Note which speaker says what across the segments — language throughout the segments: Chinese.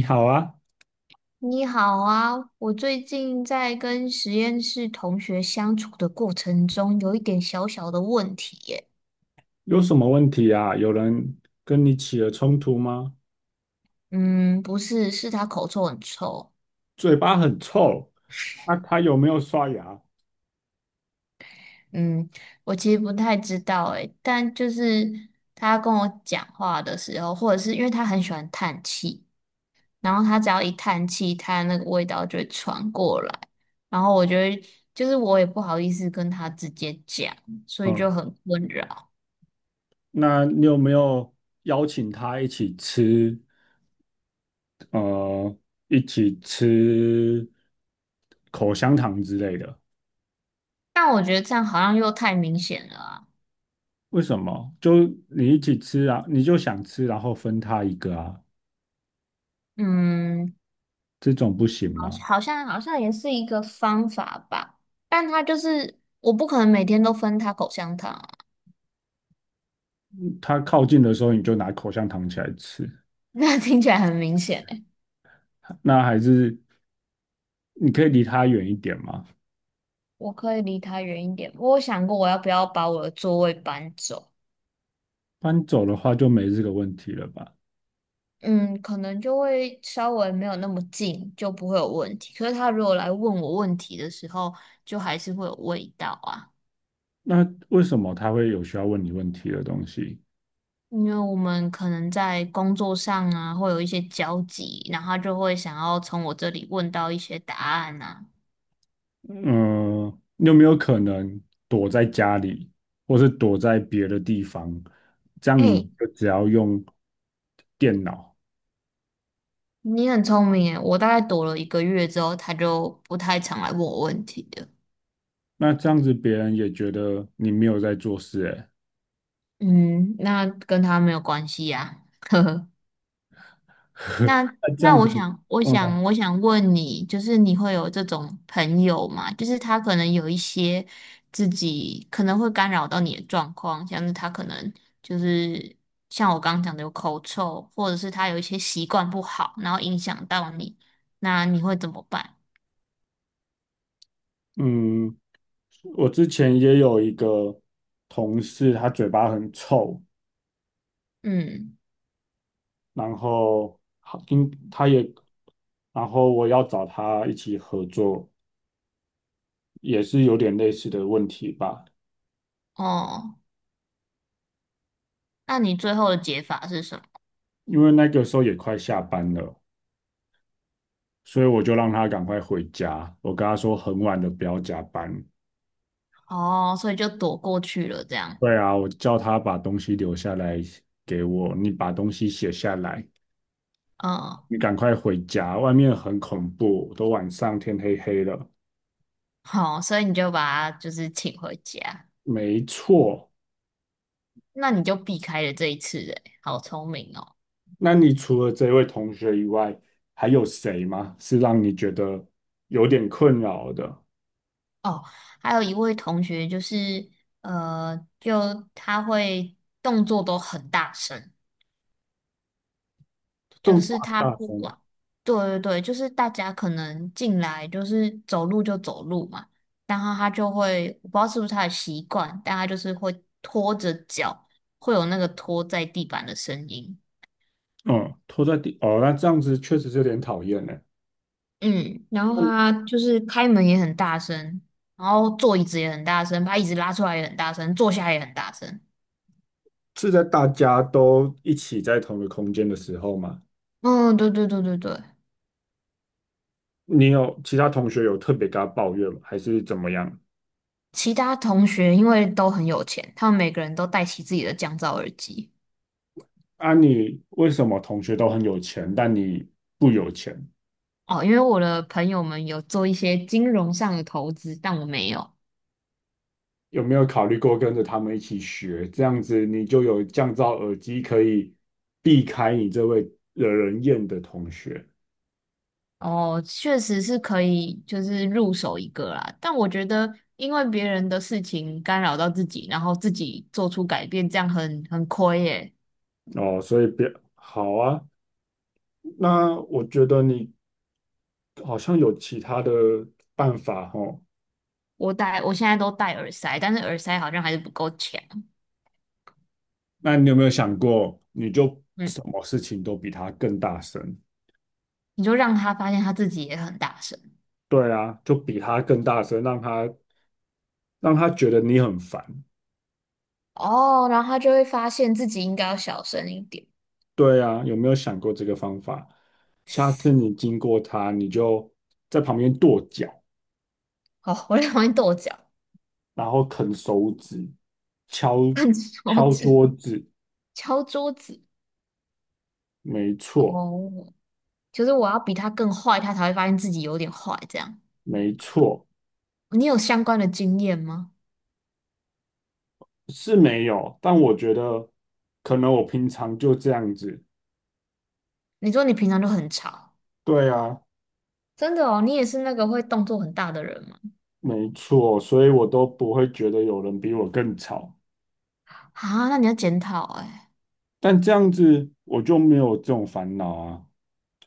Speaker 1: 你好啊，
Speaker 2: 你好啊，我最近在跟实验室同学相处的过程中，有一点小小的问题耶。
Speaker 1: 有什么问题啊？有人跟你起了冲突吗？
Speaker 2: 嗯，不是，是他口臭很臭。
Speaker 1: 嘴巴很臭，啊，他有没有刷牙？
Speaker 2: 嗯，我其实不太知道诶，但就是他跟我讲话的时候，或者是因为他很喜欢叹气，然后他只要一叹气，他那个味道就会传过来，然后我就会，就是我也不好意思跟他直接讲，所以
Speaker 1: 嗯，
Speaker 2: 就很困扰。
Speaker 1: 那你有没有邀请他一起吃？呃，一起吃口香糖之类的？
Speaker 2: 但我觉得这样好像又太明显了啊。
Speaker 1: 为什么？就你一起吃啊，你就想吃，然后分他一个啊，
Speaker 2: 嗯，
Speaker 1: 这种不行
Speaker 2: 好，
Speaker 1: 吗？
Speaker 2: 好像也是一个方法吧，但他就是我不可能每天都分他口香糖啊，
Speaker 1: 他靠近的时候，你就拿口香糖起来吃，
Speaker 2: 那听起来很明显诶。
Speaker 1: 那还是你可以离他远一点吗？
Speaker 2: 我可以离他远一点，我有想过我要不要把我的座位搬走，
Speaker 1: 搬走的话就没这个问题了吧？
Speaker 2: 嗯，可能就会稍微没有那么近，就不会有问题。可是他如果来问我问题的时候，就还是会有味道啊，
Speaker 1: 那为什么他会有需要问你问题的东西？
Speaker 2: 因为我们可能在工作上啊会有一些交集，然后他就会想要从我这里问到一些答案啊。
Speaker 1: 嗯，你有没有可能躲在家里，或是躲在别的地方？这样你
Speaker 2: 哎。
Speaker 1: 们就只要用电脑，
Speaker 2: 你很聪明耶，我大概躲了一个月之后，他就不太常来问我问题的。
Speaker 1: 那这样子别人也觉得你没有在做事、欸，
Speaker 2: 嗯，那跟他没有关系呀。那
Speaker 1: 那这
Speaker 2: 那
Speaker 1: 样
Speaker 2: 我
Speaker 1: 子，
Speaker 2: 想，我
Speaker 1: 嗯
Speaker 2: 想，我想问你，就是你会有这种朋友吗？就是他可能有一些自己可能会干扰到你的状况，像是他可能就是像我刚刚讲的有口臭，或者是他有一些习惯不好，然后影响到你，那你会怎么办？
Speaker 1: 嗯，我之前也有一个同事，他嘴巴很臭，
Speaker 2: 嗯，
Speaker 1: 然后好，应他也，然后我要找他一起合作，也是有点类似的问题吧。
Speaker 2: 哦，那你最后的解法是什么？
Speaker 1: 因为那个时候也快下班了，所以我就让他赶快回家。我跟他说很晚了，不要加班。
Speaker 2: 哦，所以就躲过去了，这样，
Speaker 1: 对啊，我叫他把东西留下来给我，你把东西写下来，
Speaker 2: 嗯，
Speaker 1: 你赶快回家，外面很恐怖，都晚上天黑黑了。
Speaker 2: 好，所以你就把他就是请回家，
Speaker 1: 没错，
Speaker 2: 那你就避开了这一次，诶，好聪明哦。
Speaker 1: 那你除了这位同学以外，还有谁吗？是让你觉得有点困扰的？
Speaker 2: 哦，还有一位同学就是，就他会动作都很大声，就
Speaker 1: 动作
Speaker 2: 是
Speaker 1: 很
Speaker 2: 他
Speaker 1: 大
Speaker 2: 不
Speaker 1: 声，
Speaker 2: 管，对对对，就是大家可能进来就是走路就走路嘛，然后他就会，我不知道是不是他的习惯，但他就是会拖着脚，会有那个拖在地板的声音。
Speaker 1: 嗯，拖在地，哦，那这样子确实是有点讨厌呢。
Speaker 2: 嗯，然后他就是开门也很大声，然后坐椅子也很大声，把椅子拉出来也很大声，坐下也很大声。
Speaker 1: 是在大家都一起在同一个空间的时候吗？
Speaker 2: 嗯，对对对对对。
Speaker 1: 你有其他同学有特别跟他抱怨吗？还是怎么样？
Speaker 2: 其他同学因为都很有钱，他们每个人都戴起自己的降噪耳机。
Speaker 1: 啊，你为什么同学都很有钱，但你不有钱？
Speaker 2: 哦，因为我的朋友们有做一些金融上的投资，但我没有。
Speaker 1: 有没有考虑过跟着他们一起学？这样子你就有降噪耳机，可以避开你这位惹人厌的同学
Speaker 2: 哦，确实是可以，就是入手一个啦。但我觉得，因为别人的事情干扰到自己，然后自己做出改变，这样很亏耶。
Speaker 1: 哦。所以别好啊。那我觉得你好像有其他的办法哦。
Speaker 2: 我现在都戴耳塞，但是耳塞好像还是不够强。
Speaker 1: 那你有没有想过，你就
Speaker 2: 嗯，
Speaker 1: 什么事情都比他更大声？
Speaker 2: 你就让他发现他自己也很大声
Speaker 1: 对啊，就比他更大声，让他让他觉得你很烦。
Speaker 2: 哦，然后他就会发现自己应该要小声一点。
Speaker 1: 对啊，有没有想过这个方法？下次你经过他，你就在旁边跺脚，
Speaker 2: 哦，我在旁边跺脚、
Speaker 1: 然后啃手指，敲
Speaker 2: 看手指、
Speaker 1: 桌子，
Speaker 2: 敲桌子。
Speaker 1: 没错，
Speaker 2: 哦，就是我要比他更坏，他才会发现自己有点坏。这样，
Speaker 1: 没错，
Speaker 2: 你有相关的经验吗？
Speaker 1: 是没有，但我觉得可能我平常就这样子，
Speaker 2: 你说你平常就很吵，
Speaker 1: 对啊，
Speaker 2: 真的哦，你也是那个会动作很大的人吗？
Speaker 1: 没错，所以我都不会觉得有人比我更吵，
Speaker 2: 啊，那你要检讨哎。
Speaker 1: 但这样子我就没有这种烦恼啊，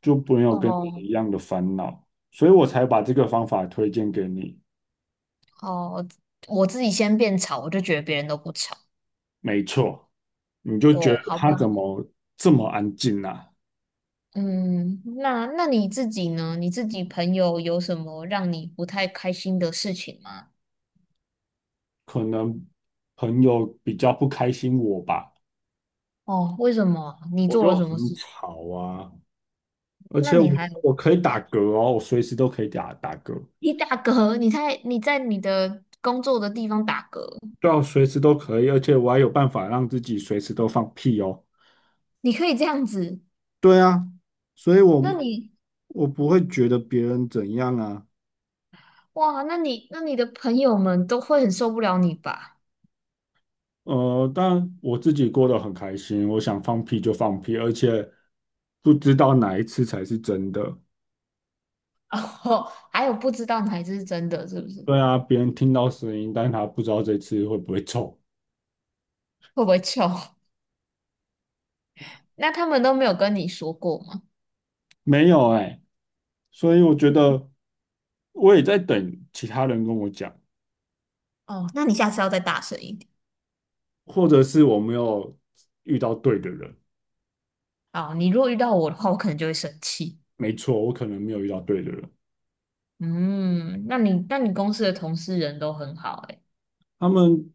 Speaker 1: 就没有跟你
Speaker 2: 哦
Speaker 1: 一样的烦恼，所以我才把这个方法推荐给你，
Speaker 2: 哦，我自己先变吵，我就觉得别人都不吵。
Speaker 1: 没错，你就觉得
Speaker 2: 哦，好
Speaker 1: 他
Speaker 2: 吧，
Speaker 1: 怎么这么安静啊？
Speaker 2: 嗯，那你自己呢？你自己朋友有什么让你不太开心的事情吗？
Speaker 1: 可能朋友比较不开心我吧，
Speaker 2: 哦，为什么？你
Speaker 1: 我
Speaker 2: 做了
Speaker 1: 就
Speaker 2: 什么
Speaker 1: 很
Speaker 2: 事？
Speaker 1: 吵啊，而
Speaker 2: 那
Speaker 1: 且
Speaker 2: 你
Speaker 1: 我
Speaker 2: 还有
Speaker 1: 我可以打嗝哦，我随时都可以打嗝，
Speaker 2: 你打嗝？你在你的工作的地方打嗝，
Speaker 1: 对啊，我随时都可以，而且我还有办法让自己随时都放屁哦，
Speaker 2: 你可以这样子？
Speaker 1: 对啊，所以
Speaker 2: 那
Speaker 1: 我
Speaker 2: 你
Speaker 1: 我不会觉得别人怎样啊，
Speaker 2: 哇，那你的朋友们都会很受不了你吧？
Speaker 1: 但我自己过得很开心，我想放屁就放屁，而且不知道哪一次才是真的，
Speaker 2: 哦，还有不知道哪一只是真的，是不是？
Speaker 1: 对啊，别人听到声音，但他不知道这次会不会臭。
Speaker 2: 会不会臭？那他们都没有跟你说过吗？
Speaker 1: 没有哎、所以我觉得我也在等其他人跟我讲，
Speaker 2: 哦，那你下次要再大声一点。
Speaker 1: 或者是我没有遇到对的人。
Speaker 2: 好，你如果遇到我的话，我可能就会生气。
Speaker 1: 没错，我可能没有遇到对的人。
Speaker 2: 嗯，那你公司的同事人都很好诶。
Speaker 1: 他们，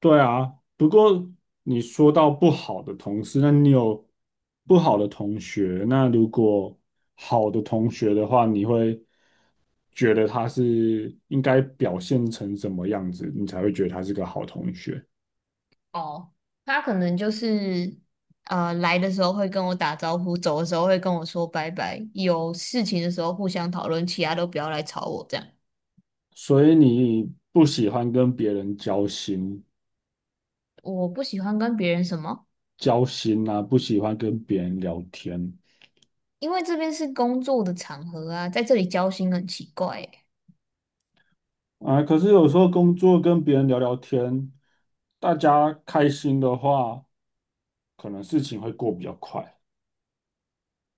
Speaker 1: 对啊。不过你说到不好的同事，那你有不好的同学，那如果好的同学的话，你会觉得他是应该表现成什么样子，你才会觉得他是个好同学？
Speaker 2: 哦，他可能就是来的时候会跟我打招呼，走的时候会跟我说拜拜，有事情的时候互相讨论，其他都不要来吵我这样。
Speaker 1: 所以你不喜欢跟别人交心，
Speaker 2: 我不喜欢跟别人什么，
Speaker 1: 交心啊，不喜欢跟别人聊天
Speaker 2: 因为这边是工作的场合啊，在这里交心很奇怪欸。
Speaker 1: 啊。可是有时候工作跟别人聊聊天，大家开心的话，可能事情会过比较快。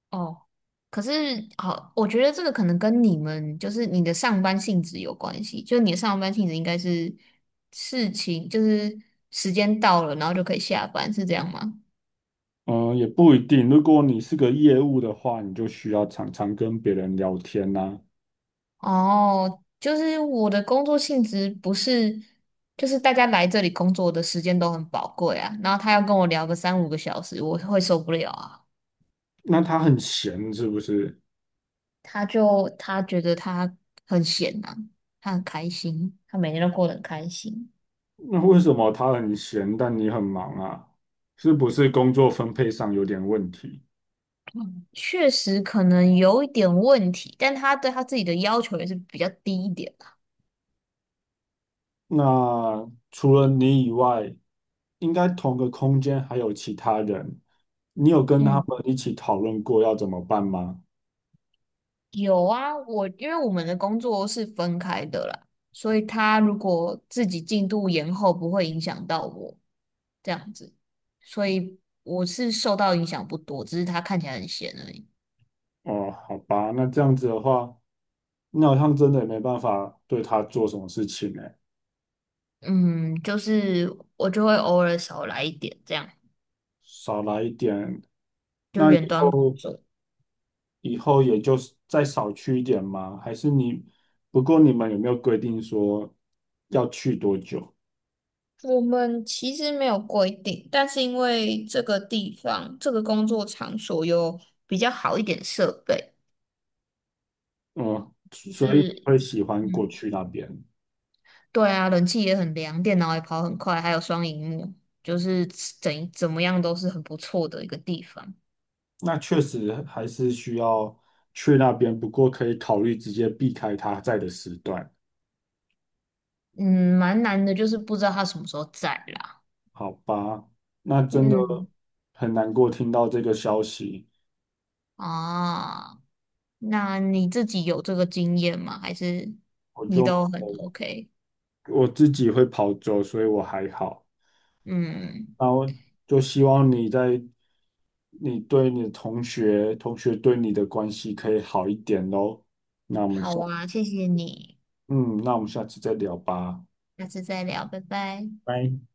Speaker 2: 哦，可是好，我觉得这个可能跟你们就是你的上班性质有关系，就你的上班性质应该是事情，就是时间到了，然后就可以下班，是这样吗？
Speaker 1: 嗯，也不一定。如果你是个业务的话，你就需要常常跟别人聊天呐、
Speaker 2: 哦，就是我的工作性质不是，就是大家来这里工作的时间都很宝贵啊，然后他要跟我聊个三五个小时，我会受不了啊。
Speaker 1: 那他很闲是不是？
Speaker 2: 他觉得他很闲啊，他很开心，他每天都过得很开心。
Speaker 1: 那为什么他很闲，但你很忙啊？是不是工作分配上有点问题？
Speaker 2: 嗯，确实可能有一点问题，但他对他自己的要求也是比较低一点啦。
Speaker 1: 那除了你以外，应该同个空间还有其他人，你有跟他
Speaker 2: 嗯，
Speaker 1: 们一起讨论过要怎么办吗？
Speaker 2: 有啊，因为我们的工作是分开的啦，所以他如果自己进度延后，不会影响到我这样子，所以我是受到影响不多，只是他看起来很闲而已。
Speaker 1: 哦，好吧，那这样子的话，那好像真的也没办法对他做什么事情呢，
Speaker 2: 嗯，就是我就会偶尔少来一点，这样
Speaker 1: 少来一点，
Speaker 2: 就
Speaker 1: 那以
Speaker 2: 远端工
Speaker 1: 后
Speaker 2: 作。
Speaker 1: 也就是再少去一点吗？还是你，不过你们有没有规定说要去多久？
Speaker 2: 我们其实没有规定，但是因为这个地方、这个工作场所有比较好一点设备，
Speaker 1: 嗯，
Speaker 2: 就
Speaker 1: 所以
Speaker 2: 是
Speaker 1: 会喜欢过
Speaker 2: 嗯，
Speaker 1: 去那边。
Speaker 2: 对啊，冷气也很凉，电脑也跑很快，还有双荧幕，就是怎么样都是很不错的一个地方。
Speaker 1: 那确实还是需要去那边，不过可以考虑直接避开他在的时段，
Speaker 2: 嗯，蛮难的，就是不知道他什么时候在啦。
Speaker 1: 好吧？那真的
Speaker 2: 嗯
Speaker 1: 很难过听到这个消息，
Speaker 2: 啊，那你自己有这个经验吗？还是
Speaker 1: 我
Speaker 2: 你
Speaker 1: 就
Speaker 2: 都很 OK？
Speaker 1: 我自己会跑走，所以我还好。
Speaker 2: 嗯，
Speaker 1: 然后就希望你在你对你的同学，同学对你的关系可以好一点喽。
Speaker 2: 好啊，谢谢你。
Speaker 1: 嗯，那我们下次再聊吧。
Speaker 2: 下次再聊，拜拜。
Speaker 1: 拜。